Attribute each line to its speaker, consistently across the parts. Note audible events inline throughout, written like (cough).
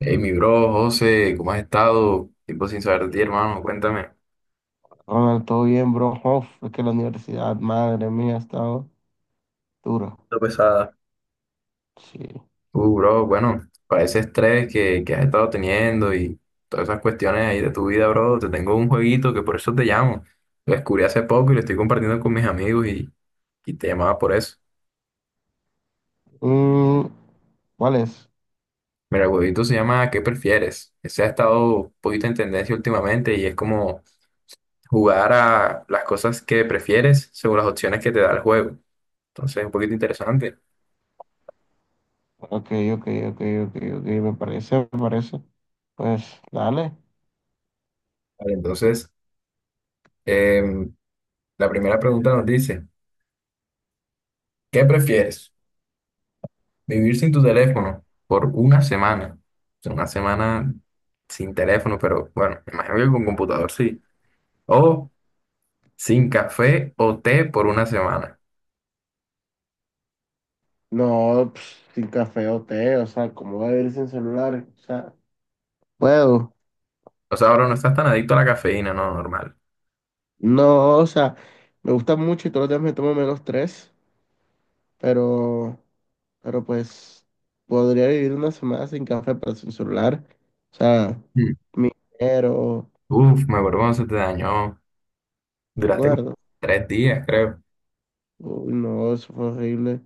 Speaker 1: Hey, mi bro, José, ¿cómo has estado? Tiempo sin saber de
Speaker 2: Y
Speaker 1: ti,
Speaker 2: yo,
Speaker 1: hermano, cuéntame.
Speaker 2: Ronald, todo bien, bro. Uf, es que la universidad, madre mía, ha estado dura.
Speaker 1: Lo pesada.
Speaker 2: Sí.
Speaker 1: Bro, bueno, para ese estrés que has estado teniendo y todas esas cuestiones ahí de tu vida, bro, te tengo un jueguito que por eso te llamo. Lo descubrí hace poco y lo estoy compartiendo con mis amigos y te llamaba por eso.
Speaker 2: Mm, ¿cuál es?
Speaker 1: Mira, el jueguito se llama ¿Qué prefieres? Ese ha estado un poquito en tendencia últimamente y es como jugar a las cosas que prefieres según las opciones que te da el juego. Entonces, es un poquito interesante.
Speaker 2: Ok, ok, ok, ok, ok, me parece, me parece. Pues dale.
Speaker 1: Vale, entonces, em, la primera pregunta nos dice, ¿qué prefieres? ¿Vivir sin tu teléfono por una semana? O sea, una semana sin teléfono, pero bueno, me imagino que con computador sí. O sin café o té por una semana.
Speaker 2: No, pues, sin café o té, o sea, ¿cómo va a vivir sin celular? O sea, puedo.
Speaker 1: O sea, ahora no estás tan adicto a la cafeína, no, normal.
Speaker 2: No, o sea, me gusta mucho y todos los días me tomo menos tres, pero, pues podría vivir una semana sin café, pero sin celular. O sea,
Speaker 1: Mm.
Speaker 2: mi dinero.
Speaker 1: Uf, me acuerdo cuando se te dañó. Duraste como
Speaker 2: ¿Acuerdo?
Speaker 1: 3 días, creo.
Speaker 2: Uy, no, eso fue horrible.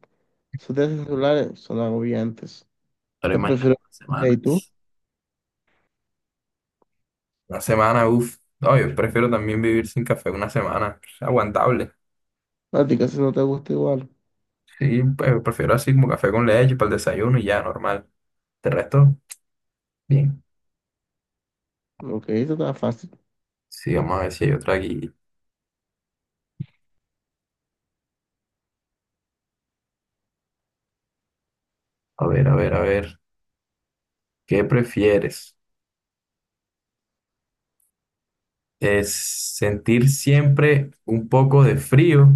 Speaker 2: Esos teléfonos celulares son agobiantes.
Speaker 1: Pero
Speaker 2: Yo
Speaker 1: imagínate
Speaker 2: prefiero...
Speaker 1: una
Speaker 2: ¿Y
Speaker 1: semana.
Speaker 2: tú?
Speaker 1: Una semana, uf. No, yo prefiero también vivir sin café una semana. Es aguantable.
Speaker 2: A ti casi no te gusta igual.
Speaker 1: Sí, pues prefiero así como café con leche para el desayuno y ya, normal. ¿Te resto? Bien.
Speaker 2: Ok, eso está fácil.
Speaker 1: Sí, vamos a ver si hay otra aquí. A ver, a ver, a ver. ¿Qué prefieres? ¿Es sentir siempre un poco de frío?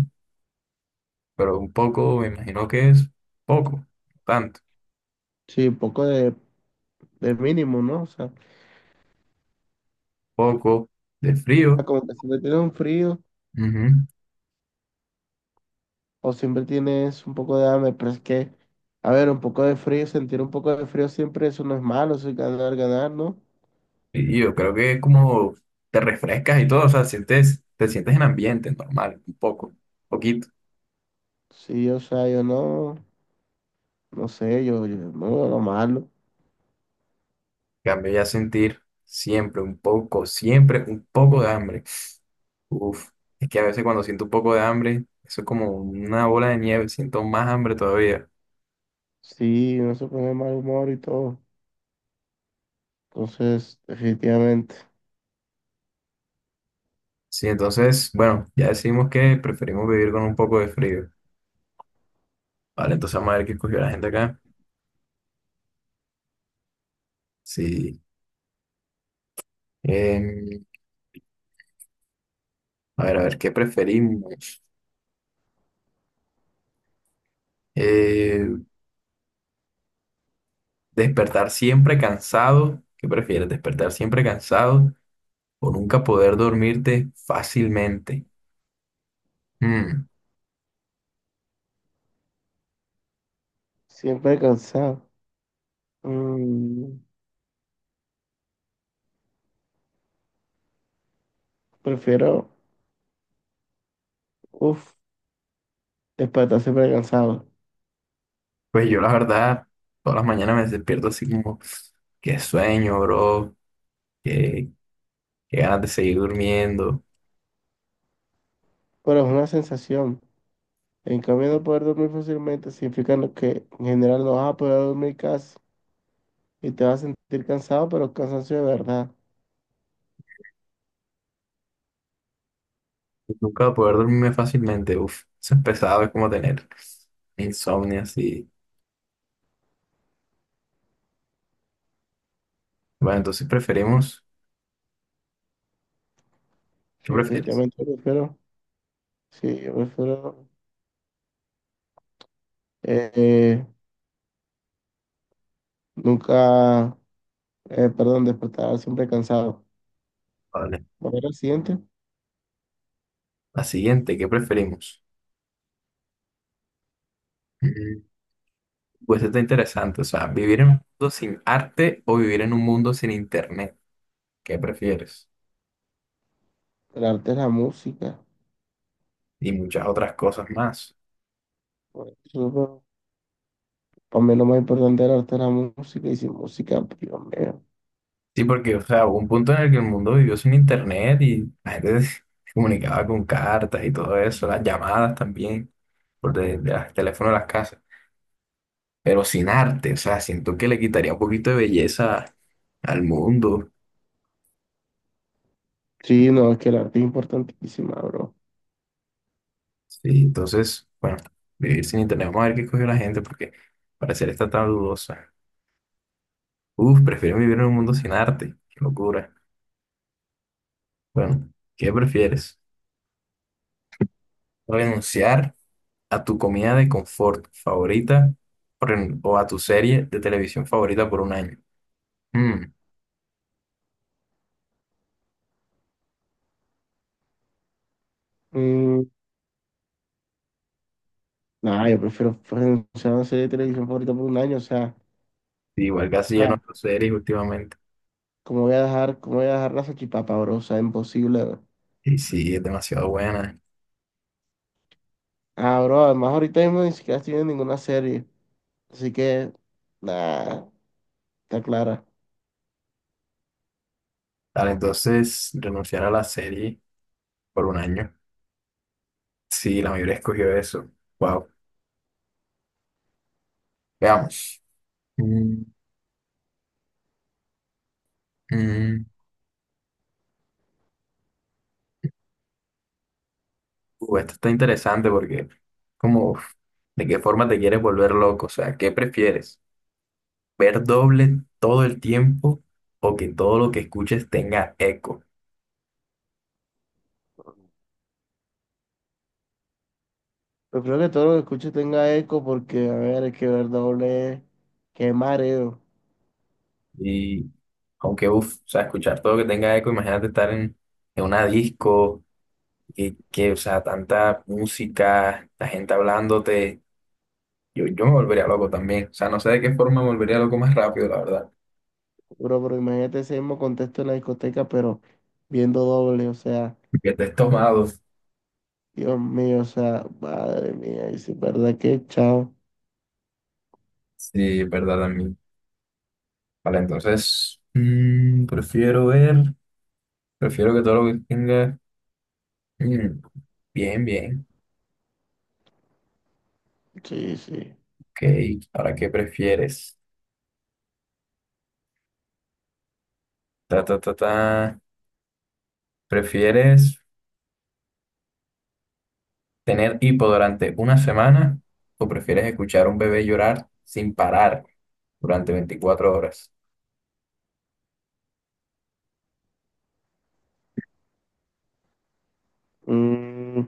Speaker 1: Pero un poco, me imagino que es poco, no tanto.
Speaker 2: Sí, un poco de mínimo, ¿no? O sea,
Speaker 1: Poco de frío.
Speaker 2: como que siempre tienes un frío
Speaker 1: Ujú.
Speaker 2: o siempre tienes un poco de hambre, pero es que, a ver, un poco de frío, sentir un poco de frío siempre, eso no es malo, eso es ganar, ganar, ¿no?
Speaker 1: Y yo creo que es como te refrescas y todo, o sea, sientes, te sientes en ambiente normal, un poco, poquito.
Speaker 2: Sí, o sea, yo no, no sé, yo no veo lo malo.
Speaker 1: En cambio ya sentir siempre un poco de hambre. Uf, es que a veces cuando siento un poco de hambre, eso es como una bola de nieve, siento más hambre todavía.
Speaker 2: Sí, uno se pone mal humor y todo. Entonces, definitivamente,
Speaker 1: Sí, entonces, bueno, ya decimos que preferimos vivir con un poco de frío. Vale, entonces vamos a ver qué escogió la gente acá. Sí. em, a ver, a ver, ¿qué preferimos? Eh, despertar siempre cansado. ¿Qué prefieres? ¿Despertar siempre cansado o nunca poder dormirte fácilmente? Mm,
Speaker 2: siempre cansado. Mm, prefiero, uff, despertar siempre cansado.
Speaker 1: pues yo la verdad, todas las mañanas me despierto así como, qué sueño, bro. Qué ganas de seguir durmiendo.
Speaker 2: Pero es una sensación. En cambio, no poder dormir fácilmente significa lo que en general no vas a poder dormir casi. Y te vas a sentir cansado, pero cansancio de verdad.
Speaker 1: Nunca voy a poder dormirme fácilmente. Uf, eso es pesado, es como tener insomnio así. Bueno, entonces preferimos. ¿Qué
Speaker 2: Sí,
Speaker 1: prefieres?
Speaker 2: definitivamente prefiero. Sí, yo prefiero eh, eh, nunca, perdón, despertar siempre cansado.
Speaker 1: Vale.
Speaker 2: Volver al siguiente,
Speaker 1: La siguiente, ¿qué preferimos? Mm, Pues está interesante. O sea, vivir en un mundo sin arte o vivir en un mundo sin internet. ¿Qué prefieres?
Speaker 2: el arte de la música.
Speaker 1: Y muchas otras cosas más.
Speaker 2: Bueno, súper. Para mí lo más importante del arte es la música y sin música, pues, Dios mío.
Speaker 1: Sí, porque, o sea, hubo un punto en el que el mundo vivió sin internet y la gente (laughs) se comunicaba con cartas y todo eso, las llamadas también, por de los teléfonos de las casas. Pero sin arte, o sea, siento que le quitaría un poquito de belleza al mundo.
Speaker 2: Sí, no, es que el arte es importantísima, bro.
Speaker 1: Sí, entonces, bueno, vivir sin internet, vamos a ver qué cogió la gente, porque para ser esta tan dudosa. Uf, prefiero vivir en un mundo sin arte, qué locura. Bueno, ¿qué prefieres? ¿Renunciar a tu comida de confort favorita o a tu serie de televisión favorita por un año? Mm,
Speaker 2: Mm, nada, yo prefiero renunciar a una serie de televisión favorita por un año,
Speaker 1: sí, igual casi
Speaker 2: o
Speaker 1: ya
Speaker 2: sea,
Speaker 1: no tu series últimamente.
Speaker 2: ¿cómo voy a dejar, cómo voy a dejar la salchipapa, bro? O sea, imposible, bro.
Speaker 1: Y sí, es demasiado buena.
Speaker 2: Ah, bro, además ahorita mismo ni siquiera estoy viendo ninguna serie, así que, nada, está clara.
Speaker 1: Tal, entonces, renunciar a la serie por un año. Sí, la mayoría escogió eso. Wow. Veamos. Mm, mm. Esto está interesante porque, como, uf, ¿de qué forma te quieres volver loco? O sea, ¿qué prefieres? ¿Ver doble todo el tiempo o que todo lo que escuches tenga eco?
Speaker 2: Pero creo que todo lo que escuche tenga eco porque, a ver, es que ver doble, qué mareo.
Speaker 1: Y aunque, uff, o sea, escuchar todo lo que tenga eco, imagínate estar en una disco, o sea, tanta música, la gente hablándote. Yo me volvería loco también. O sea, no sé de qué forma me volvería loco más rápido, la verdad.
Speaker 2: Bro, pero imagínate ese mismo contexto en la discoteca, pero viendo doble, o sea,
Speaker 1: Que estés tomado.
Speaker 2: Dios mío, o sea, madre mía, y si es verdad que chao.
Speaker 1: Sí, es verdad también. Vale, entonces, prefiero ver, prefiero que todo lo que tenga. Mm, bien, bien.
Speaker 2: Sí, sí.
Speaker 1: Ok, ¿ahora qué prefieres? Ta, ta, ta, ta. ¿Prefieres tener hipo durante una semana o prefieres escuchar a un bebé llorar sin parar durante 24 horas?
Speaker 2: Mm,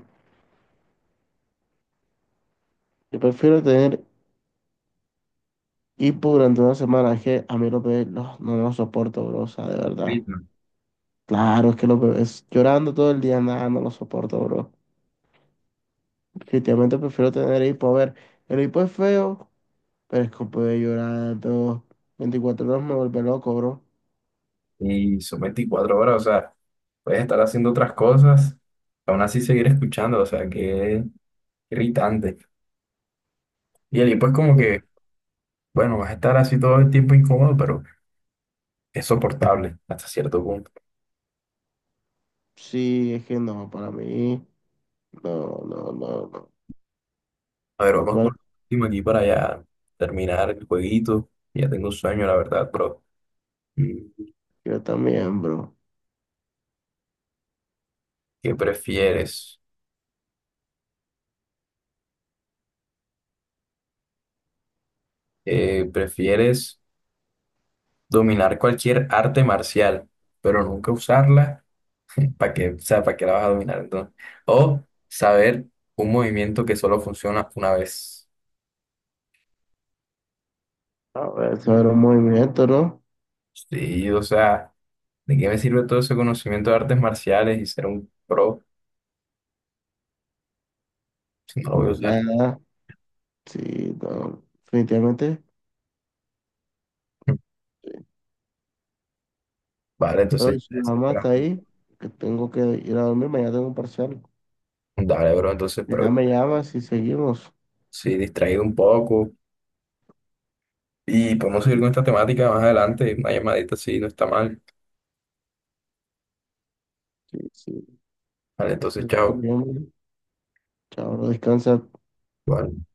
Speaker 2: yo prefiero tener hipo durante una semana, es que a mí los bebés no, no los soporto, bro, o sea, de verdad.
Speaker 1: Ritmo.
Speaker 2: Claro, es que los bebés llorando todo el día, nada, no los soporto, bro. Definitivamente prefiero tener hipo. A ver, el hipo es feo, pero es que puede llorar todo 24 horas me vuelve loco, bro.
Speaker 1: Y son 24 horas, o sea, puedes estar haciendo otras cosas, aún así seguir escuchando, o sea, qué irritante. Y el hipo es como que bueno, vas a estar así todo el tiempo incómodo, pero es soportable hasta cierto punto.
Speaker 2: Sí, es que no, para mí, no, no, no, no.
Speaker 1: A ver,
Speaker 2: No,
Speaker 1: vamos
Speaker 2: bueno,
Speaker 1: con el último aquí para ya terminar el jueguito. Ya tengo sueño, la verdad, bro. Mm,
Speaker 2: yo también, bro.
Speaker 1: ¿Qué prefieres? ¿Prefieres dominar cualquier arte marcial, pero nunca usarla? ¿Para qué? O sea, ¿para qué la vas a dominar entonces? O saber un movimiento que solo funciona una vez.
Speaker 2: A ver, eso era un movimiento, ¿no?
Speaker 1: Sí, o sea, ¿de qué me sirve todo ese conocimiento de artes marciales y ser un pro si no lo voy a
Speaker 2: No,
Speaker 1: usar?
Speaker 2: nada, sí, no, definitivamente.
Speaker 1: Vale,
Speaker 2: Pero
Speaker 1: entonces,
Speaker 2: si
Speaker 1: ya
Speaker 2: mi
Speaker 1: es,
Speaker 2: mamá
Speaker 1: espera.
Speaker 2: está ahí, que tengo que ir a dormir, mañana tengo un parcial.
Speaker 1: Dale, bro, entonces, pero
Speaker 2: Ya me llamas y seguimos.
Speaker 1: sí, distraído un poco y podemos seguir con esta temática más adelante, una llamadita, sí, no está mal.
Speaker 2: Sí, sí.
Speaker 1: Vale, entonces, chao.
Speaker 2: Chao, bro, descansa.
Speaker 1: Vale.